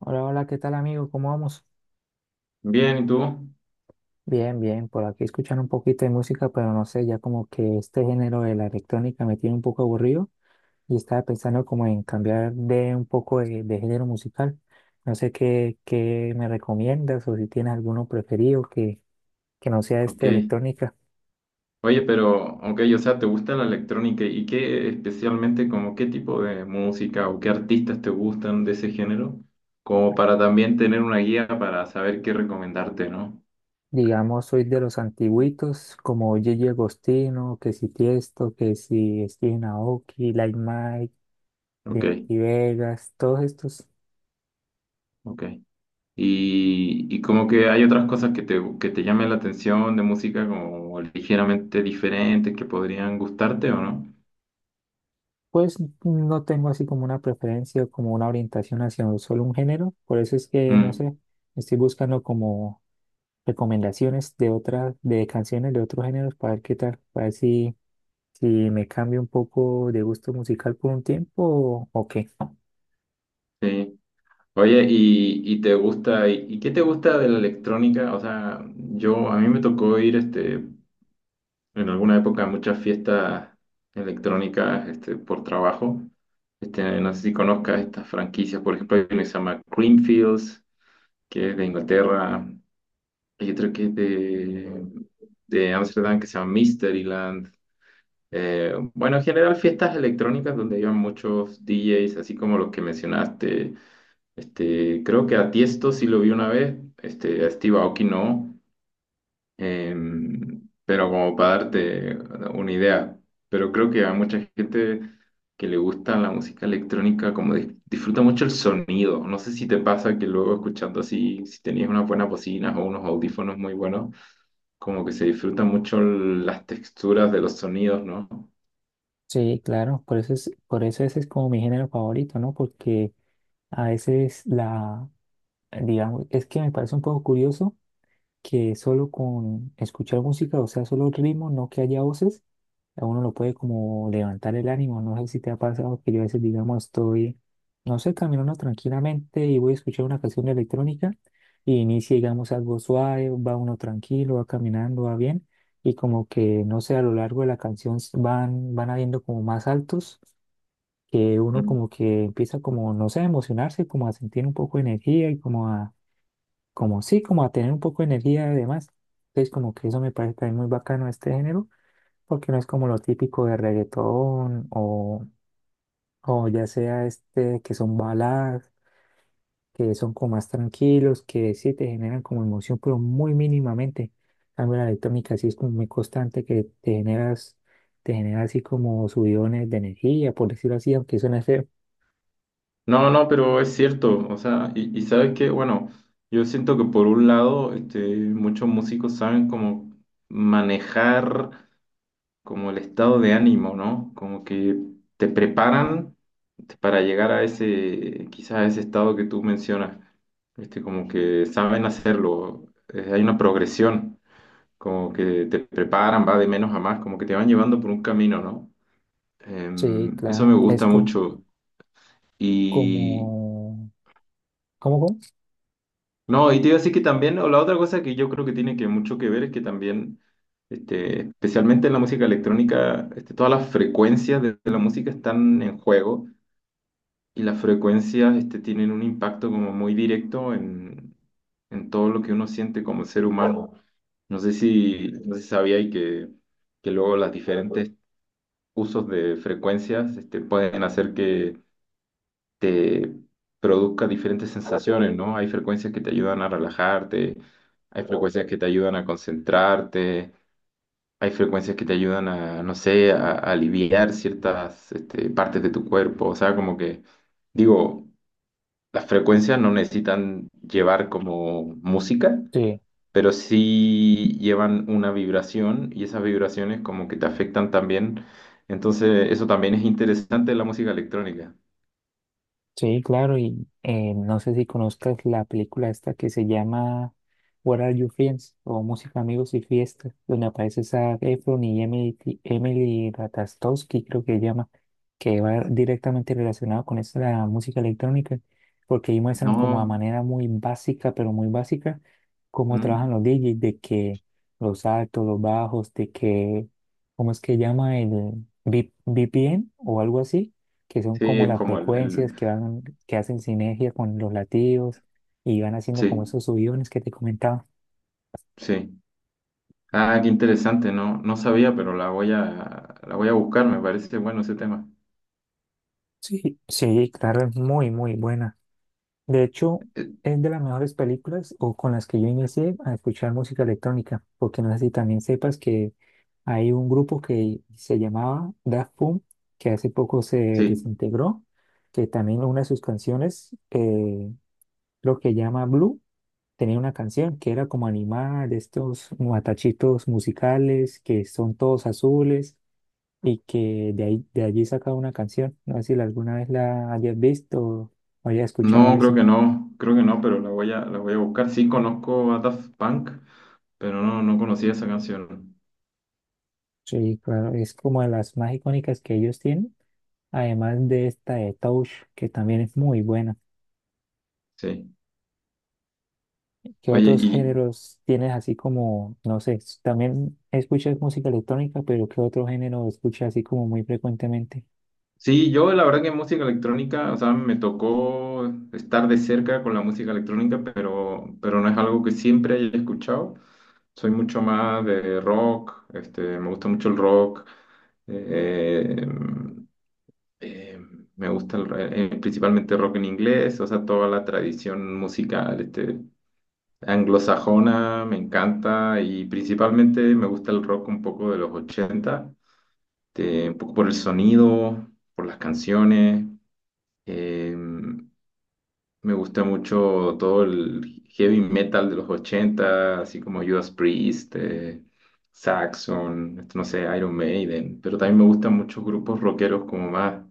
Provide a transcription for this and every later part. Hola, hola, ¿qué tal amigo? ¿Cómo vamos? Bien, ¿y tú? Bien, por aquí escuchando un poquito de música, pero no sé, ya como que este género de la electrónica me tiene un poco aburrido y estaba pensando como en cambiar de un poco de género musical. No sé qué me recomiendas o si tienes alguno preferido que no sea Ok. este de electrónica. Oye, pero, ok, o sea, ¿te gusta la electrónica? ¿Y qué especialmente, como qué tipo de música o qué artistas te gustan de ese género? Como para también tener una guía para saber qué recomendarte, ¿no? Digamos, soy de los antiguitos, como Gigi Agostino, que si Tiesto, que si Steven Aoki, Like Mike, Ok, Dimitri Vegas, todos estos. ok. Y como que hay otras cosas que te llamen la atención de música como ligeramente diferentes que podrían gustarte o no. Pues no tengo así como una preferencia o como una orientación hacia solo un género, por eso es que, no Mm, sé, estoy buscando como recomendaciones de de canciones de otros géneros para ver qué tal, para ver si me cambio un poco de gusto musical por un tiempo o qué. sí. Oye, ¿y te gusta, y qué te gusta de la electrónica? O sea, yo, a mí me tocó ir, en alguna época a muchas fiestas electrónicas, por trabajo. No sé si conozcas estas franquicias, por ejemplo, hay una que se llama Creamfields, que es de Inglaterra, hay otra que es de Ámsterdam, que se llama Mysteryland. Bueno, en general fiestas electrónicas donde iban muchos DJs, así como los que mencionaste, creo que a Tiesto sí lo vi una vez, a Steve Aoki no, pero como para darte una idea. Pero creo que a mucha gente que le gusta la música electrónica como disfruta mucho el sonido. No sé si te pasa que luego escuchando así, si tenías unas buenas bocinas o unos audífonos muy buenos, como que se disfrutan mucho las texturas de los sonidos, ¿no? Sí, claro, por eso por eso ese es como mi género favorito, ¿no? Porque a veces digamos, es que me parece un poco curioso que solo con escuchar música, o sea, solo el ritmo, no que haya voces, a uno lo puede como levantar el ánimo. No sé si te ha pasado que yo a veces, digamos, estoy, no sé, caminando tranquilamente y voy a escuchar una canción electrónica y inicia, digamos, algo suave, va uno tranquilo, va caminando, va bien y como que, no sé, a lo largo de la canción van habiendo como más altos que uno Mm. como que empieza como, no sé, a emocionarse, como a sentir un poco de energía y como como sí, como a tener un poco de energía además. Entonces como que eso me parece también muy bacano de este género porque no es como lo típico de reggaetón o ya sea este que son baladas, que son como más tranquilos, que sí te generan como emoción, pero muy mínimamente. En cambio la electrónica sí es como muy constante que te generas, te genera así como subidones de energía, por decirlo así, aunque suene feo. No, no, pero es cierto, o sea, y sabes que, bueno, yo siento que por un lado, muchos músicos saben cómo manejar como el estado de ánimo, ¿no? Como que te preparan, para llegar a ese, quizás a ese estado que tú mencionas, como que saben hacerlo. Hay una progresión, como que te preparan, va de menos a más, como que te van llevando por un camino, ¿no? Sí, Eso me claro, es gusta co- mucho y... como, ¿cómo, cómo? No, y te iba a decir que también, o la otra cosa que yo creo que tiene que mucho que ver es que también, especialmente en la música electrónica, todas las frecuencias de la música están en juego, y las frecuencias, tienen un impacto como muy directo en todo lo que uno siente como ser humano. No sé si, no sé si sabía y que luego las diferentes usos de frecuencias, pueden hacer que te produzca diferentes sensaciones, ¿no? Hay frecuencias que te ayudan a relajarte, hay frecuencias que te ayudan a concentrarte, hay frecuencias que te ayudan a, no sé, a aliviar ciertas partes de tu cuerpo, o sea, como que, digo, las frecuencias no necesitan llevar como música, Sí. pero sí llevan una vibración, y esas vibraciones como que te afectan también. Entonces, eso también es interesante en la música electrónica. Sí, claro, y no sé si conozcas la película esta que se llama What Are You Friends o Música, Amigos y Fiestas, donde aparece Zac Efron y Emily Ratajkowski, creo que se llama, que va directamente relacionado con esta música electrónica, porque ahí muestran como a No. manera muy básica, pero muy básica, cómo trabajan ¿Mm? los DJs, de que los altos, los bajos, de que, ¿cómo es que llama el VPN o algo así? Que son Sí, como es las como frecuencias el- que van, que hacen sinergia con los latidos y van haciendo como sí, esos subidones que te comentaba. sí. Ah, qué interesante, no, no sabía, pero la voy a buscar, me parece bueno ese tema. Sí, claro, es muy buena. De hecho, Eh, es de las mejores películas o con las que yo inicié a escuchar música electrónica, porque no sé si también sepas que hay un grupo que se llamaba Daft Punk, que hace poco se sí. desintegró, que también una de sus canciones, lo que llama Blue. Tenía una canción que era como animada de estos matachitos musicales que son todos azules y que de allí sacaba una canción. No sé si alguna vez la hayas visto o hayas escuchado No, creo eso. que no, creo que no, pero la voy a buscar. Sí, conozco a Daft Punk, pero no, no conocía esa canción. Sí, claro, es como de las más icónicas que ellos tienen, además de esta de Touch, que también es muy buena. Sí. ¿Qué Oye, otros y, géneros tienes así como, no sé, también escuchas música electrónica, pero qué otro género escuchas así como muy frecuentemente? sí, yo la verdad que música electrónica, o sea, me tocó estar de cerca con la música electrónica, pero no es algo que siempre haya escuchado. Soy mucho más de rock, me gusta mucho el rock, eh, em, eh, me gusta principalmente rock en inglés, o sea, toda la tradición musical, anglosajona, me encanta, y principalmente me gusta el rock un poco de los 80, un poco por el sonido, por las canciones. Eh, Me gusta mucho todo el heavy metal de los 80 así como Judas Priest, Saxon, esto no sé, Iron Maiden, pero también me gustan muchos grupos rockeros como más,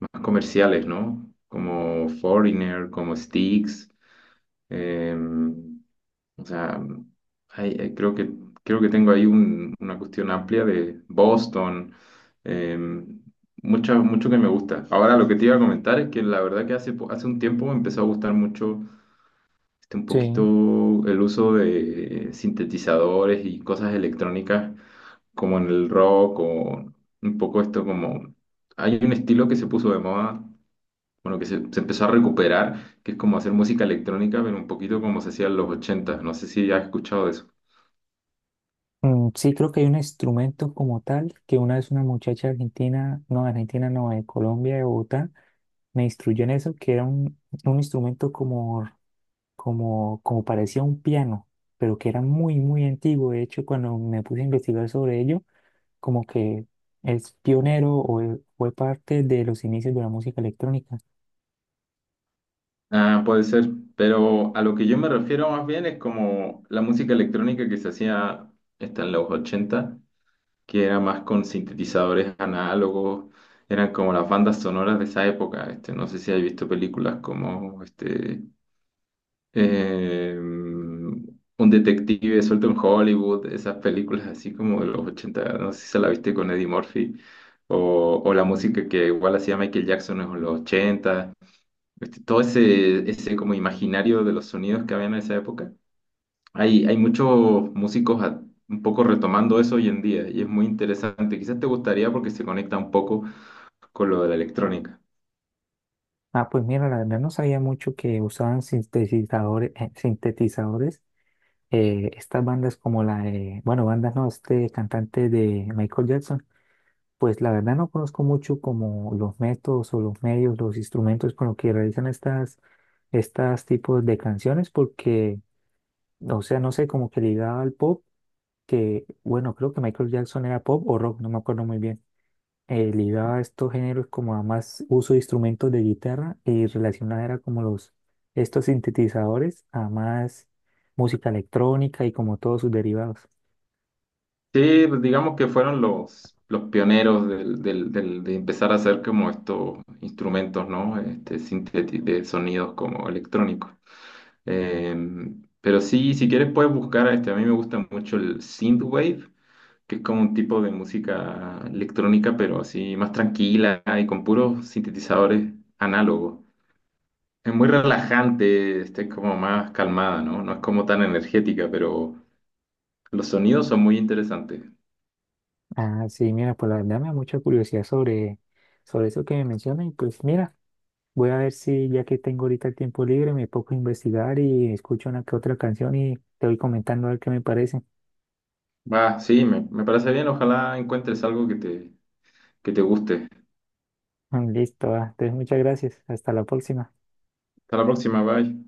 más comerciales, ¿no? Como Foreigner, como Styx. eh, o sea, hay- hay- creo que, creo que tengo ahí una cuestión amplia de Boston, eh, mucho que me gusta. Ahora lo que te iba a comentar es que la verdad que hace, hace un tiempo me empezó a gustar mucho un poquito Sí. el uso de sintetizadores y cosas electrónicas como en el rock, o un poco esto como... Hay un estilo que se puso de moda, bueno, que se empezó a recuperar, que es como hacer música electrónica, pero un poquito como se hacía en los ochenta. No sé si has escuchado de eso. Mm, sí, creo que hay un instrumento como tal que una vez una muchacha argentina, no, de Colombia, de Bogotá, me instruyó en eso, que era un instrumento como parecía un piano, pero que era muy antiguo. De hecho, cuando me puse a investigar sobre ello, como que es pionero fue parte de los inicios de la música electrónica. Ah, puede ser, pero a lo que yo me refiero más bien es como la música electrónica que se hacía está en los 80, que era más con sintetizadores análogos, eran como las bandas sonoras de esa época. Este, no sé si has visto películas como este Un detective suelto en Hollywood, esas películas así como de los 80. No sé si se la viste con Eddie Murphy, o la música que igual hacía Michael Jackson en los ochenta, todo ese, ese como imaginario de los sonidos que había en esa época. Hay muchos músicos un poco retomando eso hoy en día, y es muy interesante. Quizás te gustaría porque se conecta un poco con lo de la electrónica. Ah, pues mira, la verdad no sabía mucho que usaban sintetizadores, sintetizadores estas bandas como la de, bueno, bandas no, este cantante de Michael Jackson, pues la verdad no conozco mucho como los métodos o los medios, los instrumentos con los que realizan estas tipos de canciones, porque, o sea, no sé, como que ligaba al pop, que, bueno, creo que Michael Jackson era pop o rock, no me acuerdo muy bien. Ligaba a estos géneros como a más uso de instrumentos de guitarra y relacionada era como estos sintetizadores a más música electrónica y como todos sus derivados. Sí, pues digamos que fueron los pioneros de empezar a hacer como estos instrumentos, ¿no? Este, de sonidos como electrónicos. Pero sí, si quieres puedes buscar, a mí me gusta mucho el synthwave, que es como un tipo de música electrónica, pero así más tranquila y con puros sintetizadores análogos. Es muy relajante, como más calmada, ¿no? No es como tan energética, pero los sonidos son muy interesantes. Ah, sí, mira, pues la verdad me da mucha curiosidad sobre eso que me mencionas y pues mira, voy a ver si ya que tengo ahorita el tiempo libre me pongo a investigar y escucho una que otra canción y te voy comentando a ver qué me parece. Va, sí, me parece bien. Ojalá encuentres algo que te guste. Mm, listo, ah, entonces muchas gracias, hasta la próxima. Hasta la próxima, bye.